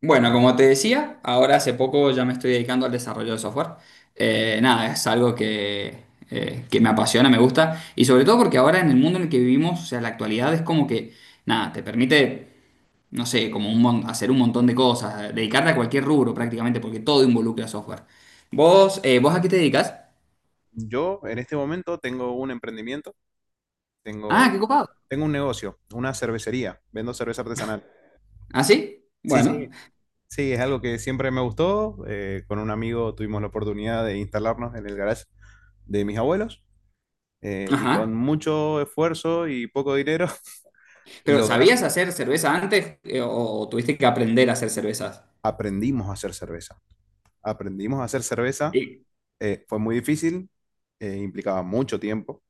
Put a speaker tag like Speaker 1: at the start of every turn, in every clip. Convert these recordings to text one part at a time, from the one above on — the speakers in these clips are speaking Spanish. Speaker 1: Bueno, como te decía, ahora hace poco ya me estoy dedicando al desarrollo de software. Nada, es algo que me apasiona, me gusta, y sobre todo porque ahora en el mundo en el que vivimos, o sea, la actualidad es como que, nada, te permite, no sé, como hacer un montón de cosas, dedicarte a cualquier rubro prácticamente, porque todo involucra software. ¿Vos a qué te dedicas?
Speaker 2: Yo en este momento tengo un emprendimiento,
Speaker 1: Ah, qué
Speaker 2: tengo,
Speaker 1: copado.
Speaker 2: tengo un negocio, una cervecería, vendo cerveza artesanal.
Speaker 1: ¿Ah, sí?
Speaker 2: Sí, sí.
Speaker 1: Bueno,
Speaker 2: Sí, es algo que siempre me gustó. Con un amigo tuvimos la oportunidad de instalarnos en el garage de mis abuelos, y
Speaker 1: ajá.
Speaker 2: con mucho esfuerzo y poco dinero
Speaker 1: ¿Pero
Speaker 2: logramos,
Speaker 1: sabías hacer cerveza antes, o tuviste que aprender a hacer cervezas?
Speaker 2: aprendimos a hacer cerveza. Aprendimos a hacer cerveza,
Speaker 1: Sí.
Speaker 2: fue muy difícil, implicaba mucho tiempo,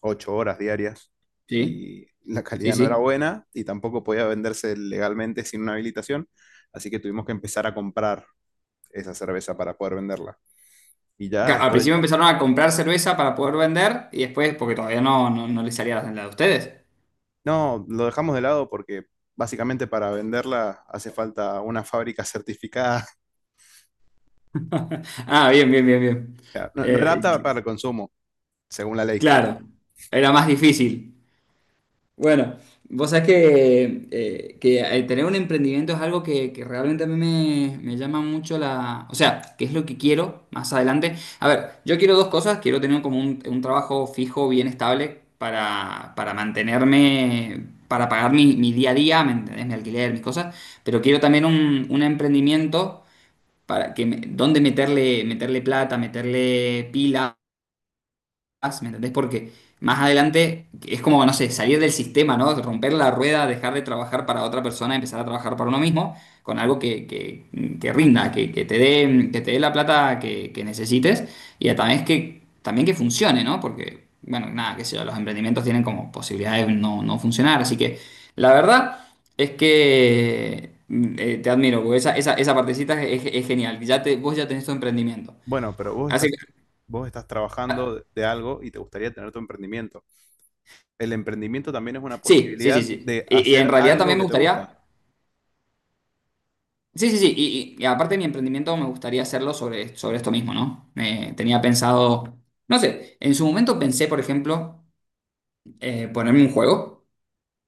Speaker 2: 8 horas diarias,
Speaker 1: Sí,
Speaker 2: y la
Speaker 1: sí,
Speaker 2: calidad no era
Speaker 1: sí.
Speaker 2: buena y tampoco podía venderse legalmente sin una habilitación, así que tuvimos que empezar a comprar esa cerveza para poder venderla. Y ya
Speaker 1: Claro, al principio
Speaker 2: estoy...
Speaker 1: empezaron a comprar cerveza para poder vender y después, porque todavía no les salía la de ustedes.
Speaker 2: No, lo dejamos de lado porque básicamente para venderla hace falta una fábrica certificada.
Speaker 1: Ah, bien, bien, bien, bien.
Speaker 2: No, no era
Speaker 1: Eh,
Speaker 2: apta para el consumo, según la ley.
Speaker 1: claro, era más difícil. Bueno, vos sabés que el tener un emprendimiento es algo que realmente a mí me llama mucho ¿O sea, que es lo que quiero más adelante? A ver, yo quiero dos cosas. Quiero tener como un trabajo fijo, bien estable, para mantenerme, para pagar mi día a día, ¿me entendés? Mi alquiler, mis cosas. Pero quiero también un emprendimiento donde meterle, plata, meterle pila más, ¿me entendés? Porque más adelante es como, no sé, salir del sistema, ¿no? Romper la rueda, dejar de trabajar para otra persona, empezar a trabajar para uno mismo, con algo que rinda, que te dé la plata que necesites y a también es que, también que funcione, ¿no? Porque, bueno, nada, qué sé yo, los emprendimientos tienen como posibilidades de no funcionar, así que la verdad es que te admiro, porque esa partecita es genial. Vos ya tenés tu emprendimiento.
Speaker 2: Bueno, pero vos estás, vos estás trabajando de algo y te gustaría tener tu emprendimiento. El emprendimiento también es una
Speaker 1: Sí, sí, sí,
Speaker 2: posibilidad
Speaker 1: sí.
Speaker 2: de
Speaker 1: Y en
Speaker 2: hacer
Speaker 1: realidad
Speaker 2: algo
Speaker 1: también me
Speaker 2: que te gusta,
Speaker 1: gustaría. Sí, sí, sí. Y aparte de mi emprendimiento, me gustaría hacerlo sobre esto mismo, ¿no? Tenía pensado. No sé, en su momento pensé, por ejemplo, ponerme un juego,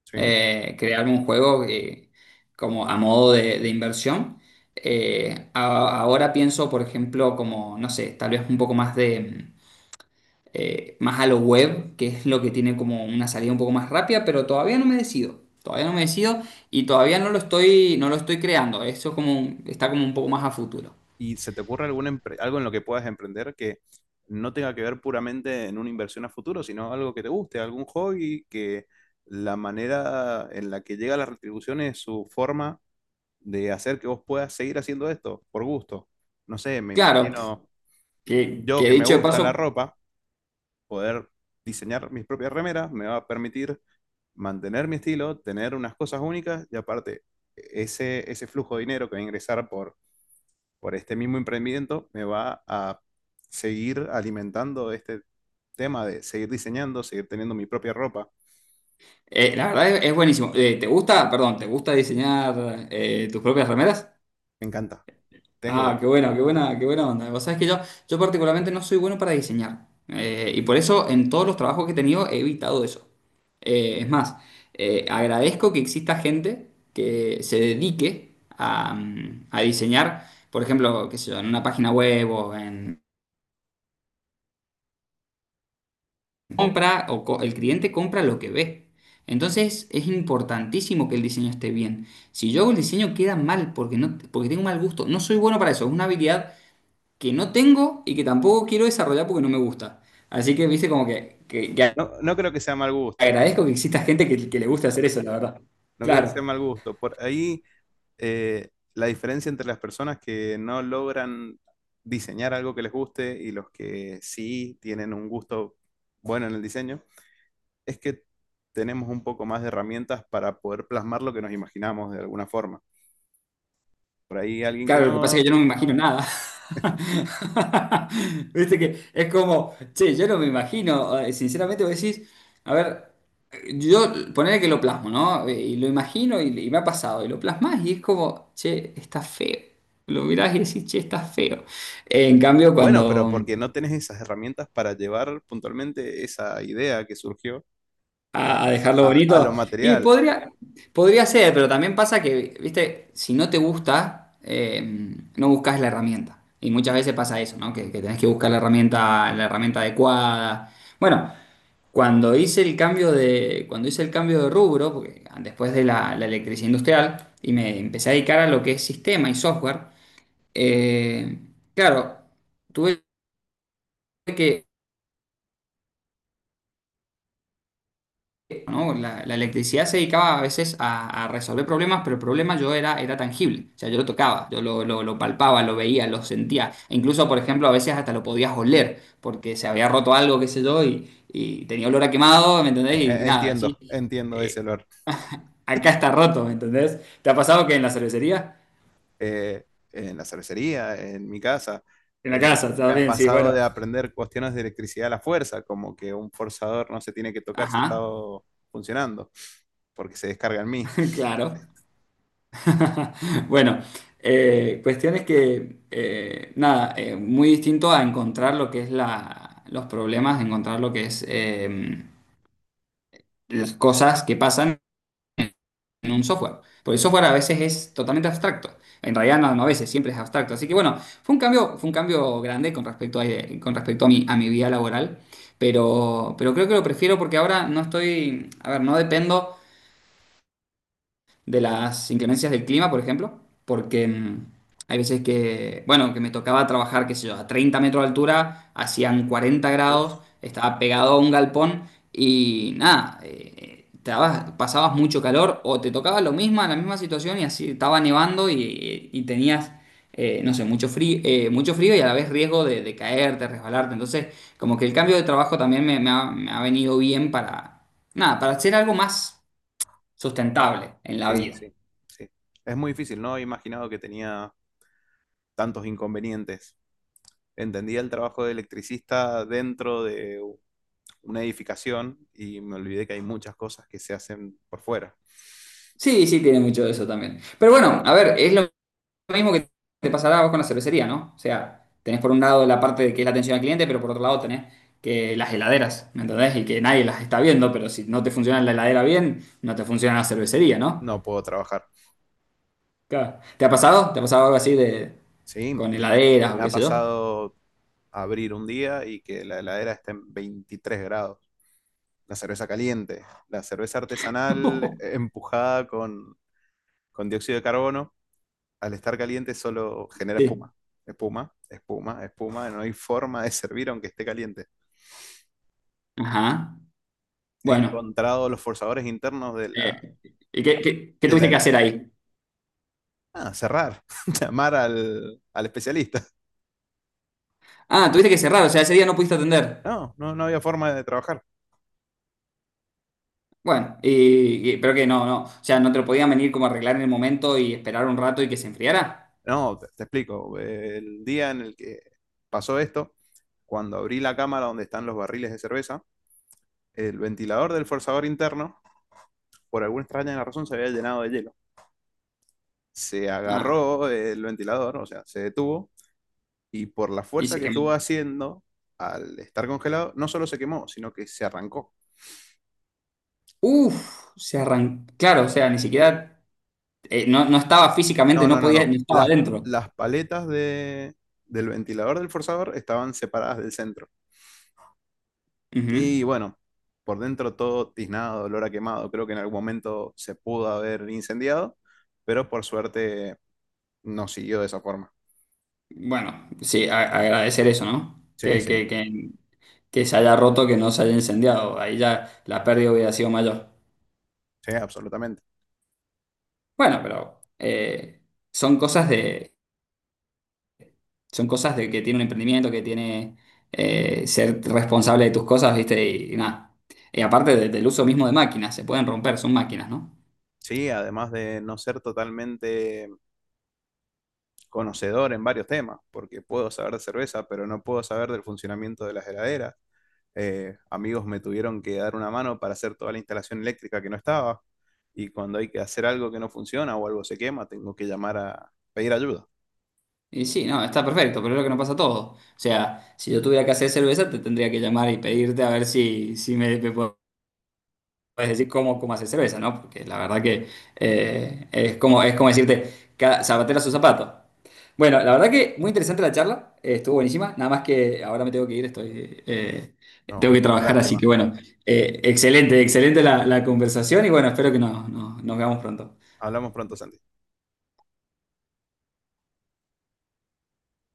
Speaker 2: ¿sí?
Speaker 1: crearme un juego como a modo de inversión. Ahora pienso, por ejemplo, como, no sé, tal vez un poco más de, más a lo web, que es lo que tiene como una salida un poco más rápida, pero todavía no me decido. Todavía no me decido y todavía no lo estoy creando. Eso como está como un poco más a futuro.
Speaker 2: ¿Y se te ocurre algún algo en lo que puedas emprender que no tenga que ver puramente en una inversión a futuro, sino algo que te guste, algún hobby que la manera en la que llega la retribución es su forma de hacer que vos puedas seguir haciendo esto por gusto? No sé, me
Speaker 1: Claro,
Speaker 2: imagino
Speaker 1: que,
Speaker 2: yo
Speaker 1: que
Speaker 2: que me
Speaker 1: dicho de no,
Speaker 2: gusta
Speaker 1: paso,
Speaker 2: la ropa, poder diseñar mis propias remeras me va a permitir mantener mi estilo, tener unas cosas únicas y aparte ese, ese flujo de dinero que va a ingresar por este mismo emprendimiento me va a seguir alimentando este tema de seguir diseñando, seguir teniendo mi propia ropa.
Speaker 1: la verdad es buenísimo. ¿Te gusta, perdón, te gusta diseñar tus propias remeras?
Speaker 2: Me encanta.
Speaker 1: Ah,
Speaker 2: Tengo,
Speaker 1: qué bueno, qué buena onda. Vos sabés que yo particularmente no soy bueno para diseñar. Y por eso en todos los trabajos que he tenido he evitado eso. Es más, agradezco que exista gente que se dedique a diseñar, por ejemplo, qué sé yo, en una página web o en compra, el cliente compra lo que ve. Entonces es importantísimo que el diseño esté bien. Si yo hago el diseño queda mal porque, no, porque tengo mal gusto. No soy bueno para eso. Es una habilidad que no tengo y que tampoco quiero desarrollar porque no me gusta. Así que, viste, como que
Speaker 2: no, no creo que sea mal gusto,
Speaker 1: agradezco que exista gente que le guste hacer eso, la verdad.
Speaker 2: no creo que
Speaker 1: Claro,
Speaker 2: sea mal gusto. Por ahí, la diferencia entre las personas que no logran diseñar algo que les guste y los que sí tienen un gusto bueno en el diseño es que tenemos un poco más de herramientas para poder plasmar lo que nos imaginamos de alguna forma. Por ahí alguien que
Speaker 1: claro, lo que pasa es que
Speaker 2: no...
Speaker 1: yo no me imagino nada. Viste que es como, che, yo no me imagino, sinceramente vos decís, a ver, yo poner que lo plasmo, ¿no? Y lo imagino y me ha pasado, y lo plasmas y es como, che, está feo. Lo mirás y decís, che, está feo. En cambio,
Speaker 2: Bueno, pero
Speaker 1: cuando,
Speaker 2: porque no tenés esas herramientas para llevar puntualmente esa idea que surgió
Speaker 1: a
Speaker 2: a,
Speaker 1: dejarlo
Speaker 2: a lo
Speaker 1: bonito. Y
Speaker 2: material.
Speaker 1: podría ser, pero también pasa que, viste, si no te gusta, no buscas la herramienta. Y muchas veces pasa eso, ¿no? Que tenés que buscar la herramienta adecuada. Bueno, cuando hice el cambio de rubro, porque después de la electricidad industrial, y me empecé a dedicar a lo que es sistema y software. eh, claro, tuve que, ¿no? La electricidad se dedicaba a veces a resolver problemas, pero el problema yo era tangible, o sea, yo lo tocaba, yo lo palpaba, lo veía, lo sentía. E incluso, por ejemplo, a veces hasta lo podías oler, porque se había roto algo, qué sé yo, y tenía olor a quemado, ¿me entendés? Y nada, sí,
Speaker 2: Entiendo, entiendo ese
Speaker 1: eh,
Speaker 2: olor.
Speaker 1: acá está roto, ¿me entendés? ¿Te ha pasado que en la cervecería?
Speaker 2: Eh, en la cervecería, en mi casa,
Speaker 1: En la casa,
Speaker 2: me ha
Speaker 1: también, sí,
Speaker 2: pasado
Speaker 1: bueno,
Speaker 2: de aprender cuestiones de electricidad a la fuerza, como que un forzador no se tiene que tocar si está
Speaker 1: ajá,
Speaker 2: funcionando, porque se descarga en mí.
Speaker 1: claro. Bueno, cuestiones que, nada, muy distinto a encontrar lo que es los problemas, encontrar lo que es las cosas que pasan en un software. Porque el software a veces es totalmente abstracto. En realidad no, no a veces, siempre es abstracto. Así que bueno, fue un cambio grande con respecto con respecto a a mi vida laboral. Pero creo que lo prefiero porque ahora no estoy, a ver, no dependo de las inclemencias del clima, por ejemplo, porque hay veces que, bueno, que me tocaba trabajar, qué sé yo, a 30 metros de altura, hacían 40 grados,
Speaker 2: Uf,
Speaker 1: estaba pegado a un galpón y nada, pasabas mucho calor o te tocaba lo mismo, la misma situación y así estaba nevando y tenías no sé, mucho frío y a la vez riesgo de caerte, resbalarte. Entonces, como que el cambio de trabajo también me ha venido bien para, nada, para hacer algo más sustentable en la
Speaker 2: sí,
Speaker 1: vida.
Speaker 2: sí, sí. Es muy difícil, no he imaginado que tenía tantos inconvenientes. Entendía el trabajo de electricista dentro de una edificación y me olvidé que hay muchas cosas que se hacen por fuera.
Speaker 1: Sí, sí, tiene mucho de eso también. Pero bueno, a ver, es lo mismo que te pasará a vos con la cervecería, ¿no? O sea, tenés por un lado la parte de que es la atención al cliente, pero por otro lado tenés que las heladeras, ¿me entendés? Y que nadie las está viendo, pero si no te funciona la heladera bien, no te funciona la cervecería, ¿no?
Speaker 2: No puedo trabajar.
Speaker 1: Claro. ¿Te ha pasado? ¿Te ha pasado algo así de
Speaker 2: Sí,
Speaker 1: con heladeras
Speaker 2: me
Speaker 1: o qué
Speaker 2: ha
Speaker 1: sé yo?
Speaker 2: pasado abrir un día y que la heladera esté en 23 grados. La cerveza caliente, la cerveza artesanal empujada con dióxido de carbono, al estar caliente solo genera
Speaker 1: Sí.
Speaker 2: espuma. Espuma, espuma, espuma, no hay forma de servir aunque esté caliente.
Speaker 1: Ajá.
Speaker 2: He
Speaker 1: Bueno.
Speaker 2: encontrado los forzadores internos de la...
Speaker 1: eh, ¿Y qué
Speaker 2: De la,
Speaker 1: tuviste que hacer ahí?
Speaker 2: ah, cerrar, llamar al, al especialista.
Speaker 1: Ah, tuviste que cerrar, o sea, ese día no pudiste atender.
Speaker 2: No, no, no había forma de trabajar.
Speaker 1: Bueno, pero que no, no. O sea, no te lo podían venir como a arreglar en el momento y esperar un rato y que se enfriara.
Speaker 2: No, te explico. El día en el que pasó esto, cuando abrí la cámara donde están los barriles de cerveza, el ventilador del forzador interno, por alguna extraña razón, se había llenado de hielo. Se
Speaker 1: Ah,
Speaker 2: agarró el ventilador, o sea, se detuvo, y por la
Speaker 1: y
Speaker 2: fuerza
Speaker 1: se
Speaker 2: que estuvo
Speaker 1: quemó.
Speaker 2: haciendo, al estar congelado, no solo se quemó, sino que se arrancó.
Speaker 1: Uf, se arrancó. Claro, o sea, ni siquiera, no, no estaba
Speaker 2: No,
Speaker 1: físicamente, no
Speaker 2: no, no,
Speaker 1: podía,
Speaker 2: no.
Speaker 1: no estaba adentro.
Speaker 2: Las paletas de, del ventilador del forzador estaban separadas del centro.
Speaker 1: Ujú.
Speaker 2: Y bueno, por dentro todo tiznado, olor a quemado. Creo que en algún momento se pudo haber incendiado, pero por suerte no siguió de esa forma.
Speaker 1: Bueno, sí, agradecer eso, ¿no?
Speaker 2: Sí,
Speaker 1: Que,
Speaker 2: sí,
Speaker 1: que, que, que se haya roto, que no se haya incendiado. Ahí ya la pérdida hubiera sido mayor.
Speaker 2: sí, absolutamente.
Speaker 1: Bueno, pero son cosas de, son cosas de que tiene un emprendimiento, que tiene ser responsable de tus cosas, ¿viste? Y nada. Y aparte del uso mismo de máquinas, se pueden romper, son máquinas, ¿no?
Speaker 2: Sí, además de no ser totalmente conocedor en varios temas, porque puedo saber de cerveza, pero no puedo saber del funcionamiento de las heladeras. Amigos me tuvieron que dar una mano para hacer toda la instalación eléctrica que no estaba, y cuando hay que hacer algo que no funciona o algo se quema, tengo que llamar a pedir ayuda.
Speaker 1: Y sí, no, está perfecto, pero es lo que no pasa todo. O sea, si yo tuviera que hacer cerveza, te tendría que llamar y pedirte a ver si me, podés Puedes decir cómo hacer cerveza, ¿no? Porque la verdad que es como decirte, cada zapatero a su zapato. Bueno, la verdad que muy interesante la charla, estuvo buenísima, nada más que ahora me tengo que ir,
Speaker 2: No,
Speaker 1: tengo
Speaker 2: es
Speaker 1: que
Speaker 2: una
Speaker 1: trabajar, así
Speaker 2: lástima.
Speaker 1: que bueno, excelente, excelente la conversación y bueno, espero que nos veamos pronto.
Speaker 2: Hablamos pronto, Santi.